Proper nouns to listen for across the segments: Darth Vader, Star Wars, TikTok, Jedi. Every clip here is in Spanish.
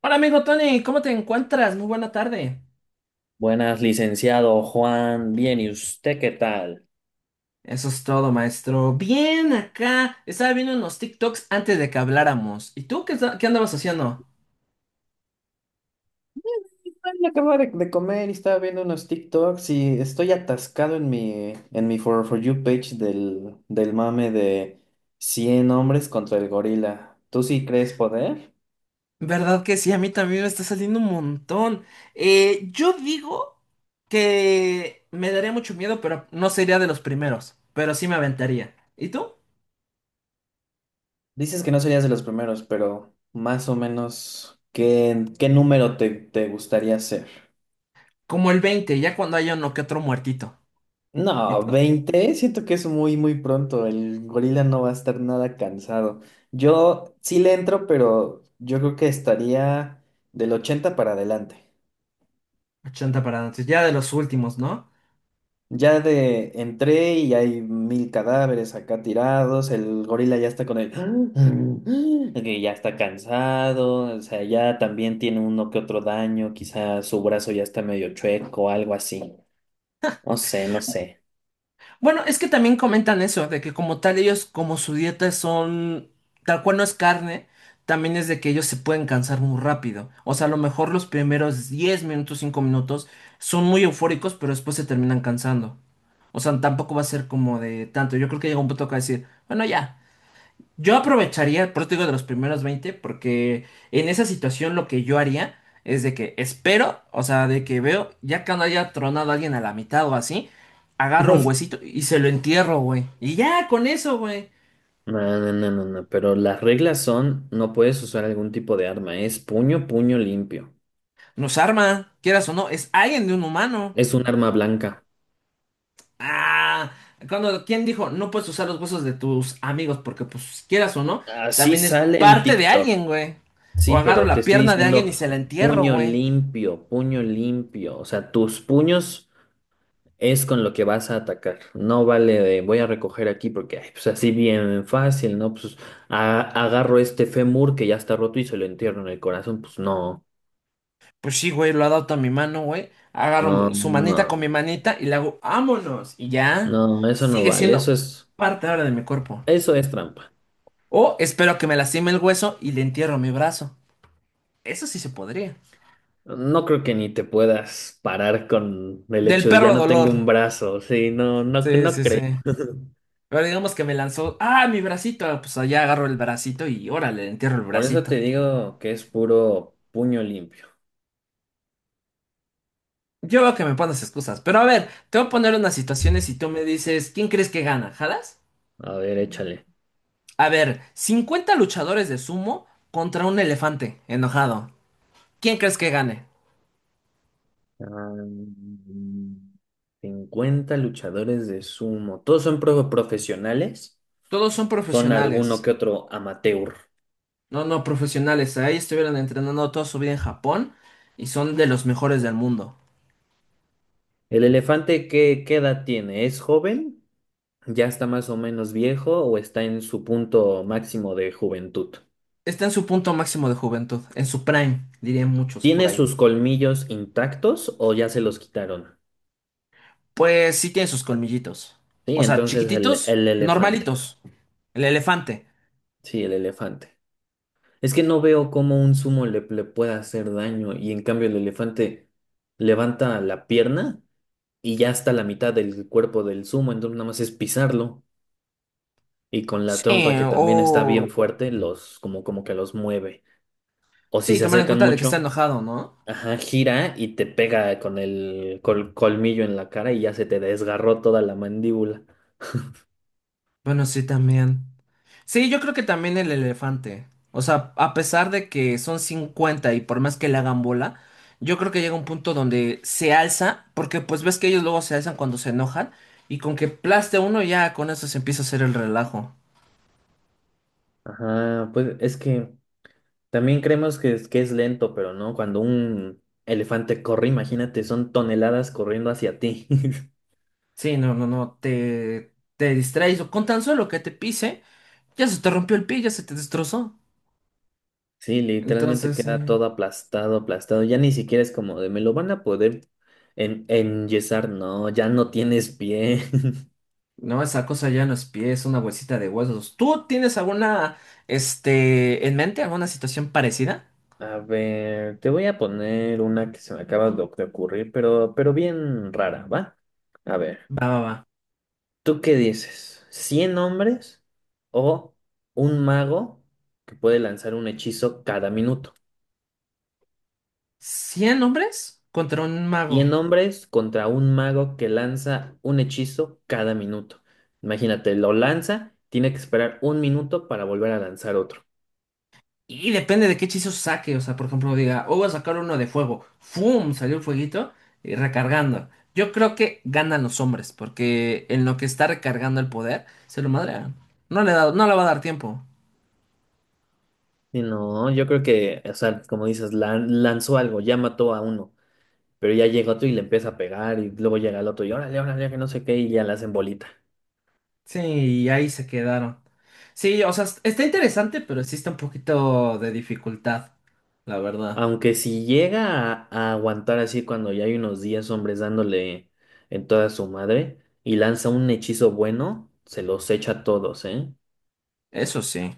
Hola amigo Tony, ¿cómo te encuentras? Muy buena tarde. Buenas, licenciado Juan. Bien, ¿y usted qué tal? Eso es todo, maestro. Bien, acá. Estaba viendo unos TikToks antes de que habláramos. ¿Y tú qué, qué andabas haciendo? Ay, acabo de comer y estaba viendo unos TikToks y estoy atascado en mi For You page del mame de 100 hombres contra el gorila. ¿Tú sí crees poder? ¿Verdad que sí? A mí también me está saliendo un montón. Yo digo que me daría mucho miedo, pero no sería de los primeros. Pero sí me aventaría. ¿Y tú? Dices que no serías de los primeros, pero más o menos, ¿qué número te gustaría ser? Como el veinte, ya cuando haya uno que otro muertito. ¿Y No, tú? 20. Siento que es muy, muy pronto. El gorila no va a estar nada cansado. Yo sí le entro, pero yo creo que estaría del 80 para adelante. 80 para antes, ya de los últimos, ¿no? Ya de entré y hay 1000 cadáveres acá tirados. El gorila ya está con el que ya está cansado. O sea, ya también tiene uno que otro daño. Quizá su brazo ya está medio chueco, algo así. No sé, no sé. Bueno, es que también comentan eso, de que como tal ellos, como su dieta son, tal cual no es carne, también es de que ellos se pueden cansar muy rápido. O sea, a lo mejor los primeros 10 minutos, 5 minutos son muy eufóricos, pero después se terminan cansando. O sea, tampoco va a ser como de tanto. Yo creo que llega un punto que va a decir, bueno, ya. Yo aprovecharía el eso de los primeros 20, porque en esa situación lo que yo haría es de que espero, o sea, de que veo, ya cuando haya tronado a alguien a la mitad o así, agarro un huesito y se lo entierro, güey. Y ya, con eso, güey. No, no, no, no, no, pero las reglas son, no puedes usar algún tipo de arma, es puño, puño limpio, Nos arma, quieras o no, es alguien de un humano. es un arma blanca. Ah, cuando, ¿quién dijo? No puedes usar los huesos de tus amigos porque, pues, quieras o no, Así también es sale en parte de TikTok, alguien, güey. O sí, agarro pero te la estoy pierna de alguien y diciendo se la entierro, güey. Puño limpio, o sea, tus puños es con lo que vas a atacar, no vale de voy a recoger aquí porque, ay, pues así bien fácil, ¿no? Pues a- agarro este fémur que ya está roto y se lo entierro en el corazón, pues no, Pues sí, güey, lo adapto a mi mano, güey. no, Agarro su manita no, con mi manita y le hago, ¡vámonos! Y ya no, no, eso no sigue vale, siendo parte ahora de mi cuerpo. eso es trampa. O espero que me lastime el hueso y le entierro mi brazo. Eso sí se podría. No creo que ni te puedas parar con el Del hecho de ya perro no dolor. tengo un brazo, sí, no, no, Sí, no sí, sí. creo. Pero digamos que me lanzó, ¡ah, mi bracito! Ah, pues allá agarro el bracito y órale, le entierro el Por eso te bracito. digo que es puro puño limpio. Yo veo que me pones excusas. Pero a ver, te voy a poner unas situaciones y tú me dices, ¿quién crees que gana? ¿Jalas? A ver, échale. A ver, 50 luchadores de sumo contra un elefante enojado. ¿Quién crees que gane? Ah, 50 luchadores de sumo. ¿Todos son profesionales? Todos son ¿Son alguno profesionales. que otro amateur? No, no, profesionales. Ahí estuvieron entrenando toda su vida en Japón y son de los mejores del mundo. El elefante, qué edad tiene? ¿Es joven? ¿Ya está más o menos viejo o está en su punto máximo de juventud? Está en su punto máximo de juventud, en su prime, dirían muchos por ¿Tiene ahí. sus colmillos intactos o ya se los quitaron? Pues sí tiene sus colmillitos. Sí, O sea, entonces chiquititos, el elefante. normalitos. El elefante. Sí, el elefante. Es que no veo cómo un sumo le pueda hacer daño y en cambio el elefante levanta la pierna y ya está la mitad del cuerpo del sumo, entonces nada más es pisarlo y con la Sí, trompa que también está bien o... fuerte los como como que los mueve. O si Sí, se tomar en acercan cuenta de que está mucho, enojado, ¿no? ajá, gira y te pega con el colmillo en la cara y ya se te desgarró toda la mandíbula. Bueno, sí, también. Sí, yo creo que también el elefante. O sea, a pesar de que son 50 y por más que le hagan bola, yo creo que llega un punto donde se alza, porque pues ves que ellos luego se alzan cuando se enojan, y con que plaste uno ya con eso se empieza a hacer el relajo. Ajá, pues es que también creemos que es lento, pero no, cuando un elefante corre, imagínate, son toneladas corriendo hacia ti. Sí, no, no, no, te distraes o con tan solo que te pise, ya se te rompió el pie, ya se te destrozó. Sí, literalmente Entonces, sí. queda todo aplastado, aplastado. Ya ni siquiera es como de me lo van a poder en enyesar, no, ya no tienes pie. No, esa cosa ya no es pie, es una bolsita de huesos. ¿Tú tienes alguna, este, en mente, alguna situación parecida? A ver, te voy a poner una que se me acaba de ocurrir, pero bien rara, ¿va? A ver. Va, va, va. ¿Tú qué dices? ¿100 hombres o un mago que puede lanzar un hechizo cada minuto? 100 hombres contra un mago. 100 hombres contra un mago que lanza un hechizo cada minuto. Imagínate, lo lanza, tiene que esperar un minuto para volver a lanzar otro. Y depende de qué hechizo saque. O sea, por ejemplo, diga, oh, voy a sacar uno de fuego. ¡Fum! Salió el fueguito y recargando. Yo creo que ganan los hombres, porque en lo que está recargando el poder, se lo madrean. No le da, no le va a dar tiempo. Y no, yo creo que, o sea, como dices, lanzó algo, ya mató a uno, pero ya llega otro y le empieza a pegar y luego llega el otro y órale, órale, que no sé qué y ya la hacen bolita. Sí, y ahí se quedaron. Sí, o sea, está interesante, pero existe un poquito de dificultad, la verdad. Aunque si llega a aguantar así cuando ya hay unos días hombres dándole en toda su madre y lanza un hechizo bueno, se los echa a todos, ¿eh? Eso sí.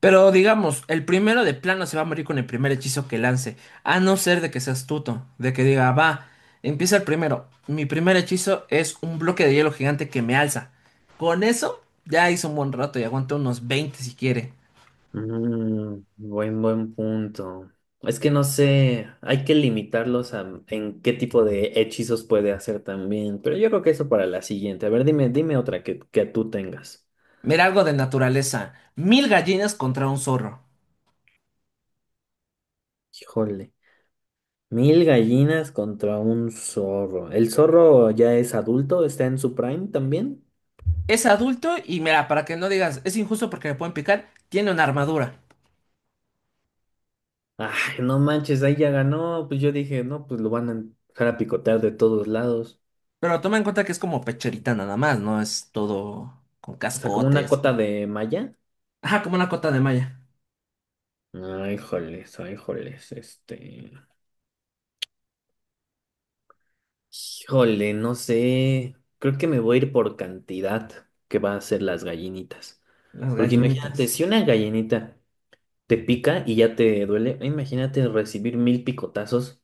Pero digamos, el primero de plano se va a morir con el primer hechizo que lance, a no ser de que sea astuto, de que diga, va, empieza el primero. Mi primer hechizo es un bloque de hielo gigante que me alza. Con eso ya hizo un buen rato y aguanta unos 20 si quiere. Mm, buen punto. Es que no sé, hay que limitarlos a en qué tipo de hechizos puede hacer también, pero yo creo que eso para la siguiente. A ver, dime, dime otra que tú tengas. Mira algo de naturaleza. 1000 gallinas contra un zorro. Híjole, 1000 gallinas contra un zorro. ¿El zorro ya es adulto? ¿Está en su prime también? Es adulto y mira, para que no digas, es injusto porque me pueden picar, tiene una armadura. Ay, no manches, ahí ya ganó. Pues yo dije, no, pues lo van a dejar a picotear de todos lados. Pero toma en cuenta que es como pecherita nada más, no es todo con O sea, como una cascotes. cota de malla. Ajá, como una cota de malla. Ay, joles, este. Híjole, no sé. Creo que me voy a ir por cantidad que va a ser las gallinitas. Las Porque imagínate, gallinitas. si una gallinita te pica y ya te duele, imagínate recibir 1000 picotazos.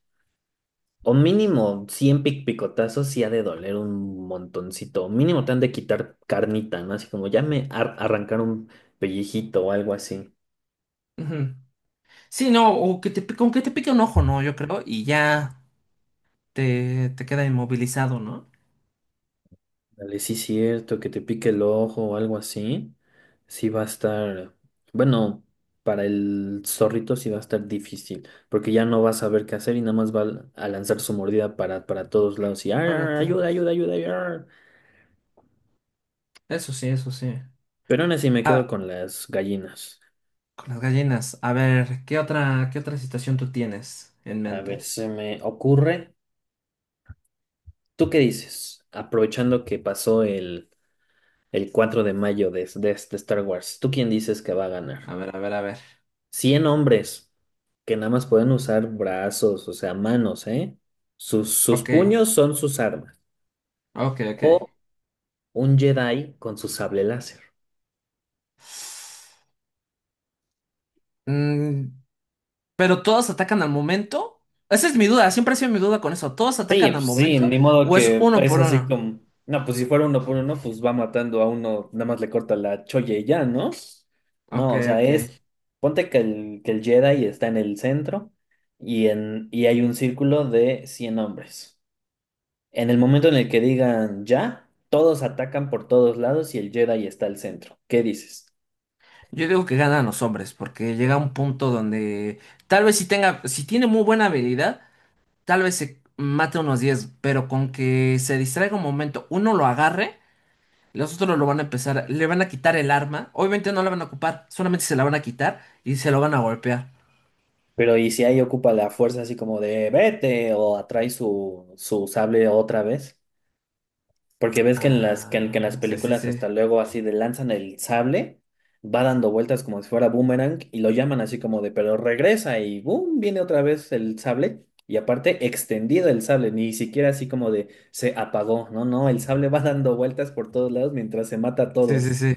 O mínimo 100 picotazos sí ha de doler un montoncito. Mínimo te han de quitar carnita, ¿no? Así como ya me arrancaron un pellejito o algo así. Ujú. Sí, no, o que con que te pique un ojo, ¿no? Yo creo, y ya te queda inmovilizado, ¿no? Dale, sí, cierto, que te pique el ojo o algo así. Sí va a estar. Bueno, para el zorrito sí va a estar difícil. Porque ya no va a saber qué hacer y nada más va a lanzar su mordida para todos lados. Y "ar, Para ar, atrás. ayuda, ayuda, ayuda, ayuda". Eso sí, eso sí. Pero aún así me quedo Ah, con las gallinas. con las gallinas. A ver, qué otra situación tú tienes en A ver, mente? se me ocurre. ¿Tú qué dices? Aprovechando que pasó el 4 de mayo de este Star Wars, ¿tú quién dices que va a ganar? A ver, a ver, a ver. 100 hombres que nada más pueden usar brazos, o sea, manos, ¿eh? Sus, sus Ok, puños son sus armas. ok, ok. O un Jedi con su sable láser. Mm, ¿pero todas atacan al momento? Esa es mi duda, siempre ha sido mi duda con eso. ¿Todos Sí, atacan al pues sí, momento ni modo o es que uno es por así uno? como, no, pues si fuera uno por uno, pues va matando a uno, nada más le corta la cholla y ya, ¿no? Ok, No, o sea, ok. es, ponte que el Jedi está en el centro y, en, y hay un círculo de 100 hombres. En el momento en el que digan ya, todos atacan por todos lados y el Jedi está al centro. ¿Qué dices? Yo digo que ganan los hombres, porque llega un punto donde tal vez si tiene muy buena habilidad, tal vez se mate unos 10, pero con que se distraiga un momento, uno lo agarre, los otros lo van a empezar, le van a quitar el arma, obviamente no la van a ocupar, solamente se la van a quitar y se lo van a golpear. Pero ¿y si ahí ocupa la fuerza así como de vete o atrae su, su sable otra vez? Porque ves que en las, que en las Ah, sí, sí, películas sí, hasta luego así de lanzan el sable, va dando vueltas como si fuera boomerang y lo llaman así como de, pero regresa y boom, viene otra vez el sable y aparte extendido el sable, ni siquiera así como de se apagó, no, no, el sable va dando vueltas por todos lados mientras se mata a sí, sí, todos. sí.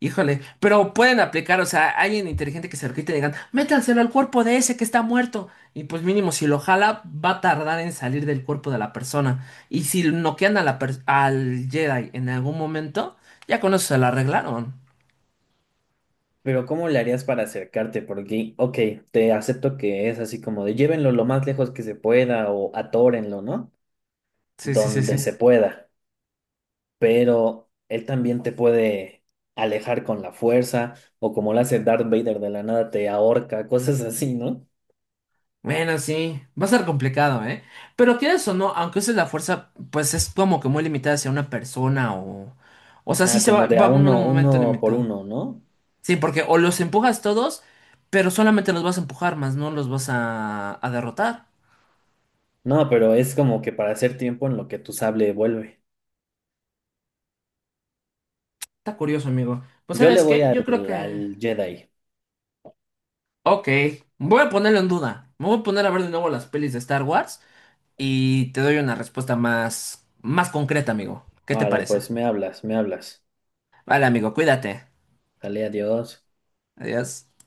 Híjole, pero pueden aplicar, o sea, alguien inteligente que se lo quite y digan, métanselo al cuerpo de ese que está muerto. Y pues mínimo, si lo jala, va a tardar en salir del cuerpo de la persona. Y si noquean a la al Jedi en algún momento, ya con eso se la arreglaron. Pero ¿cómo le harías para acercarte? Porque, ok, te acepto que es así como de llévenlo lo más lejos que se pueda o atórenlo, ¿no? Sí, sí, sí, Donde sí. se pueda. Pero él también te puede alejar con la fuerza, o como lo hace Darth Vader de la nada, te ahorca, cosas así, ¿no? Bueno, sí, va a ser complicado, ¿eh? Pero quieres o no, aunque uses la fuerza, pues es como que muy limitada hacia una persona o... O sea, sí Ajá, como de va a a haber un uno, momento uno por limitado. uno, ¿no? Sí, porque o los empujas todos, pero solamente los vas a empujar, más no los vas a derrotar. No, pero es como que para hacer tiempo en lo que tu sable vuelve. Está curioso, amigo. Pues Yo le ¿sabes voy qué? al, Yo creo que... al Jedi. Ok, voy a ponerlo en duda. Me voy a poner a ver de nuevo las pelis de Star Wars y te doy una respuesta más, más concreta, amigo. ¿Qué te Vale, parece? pues me hablas, me hablas. Vale, amigo, cuídate. Sale, adiós. Adiós.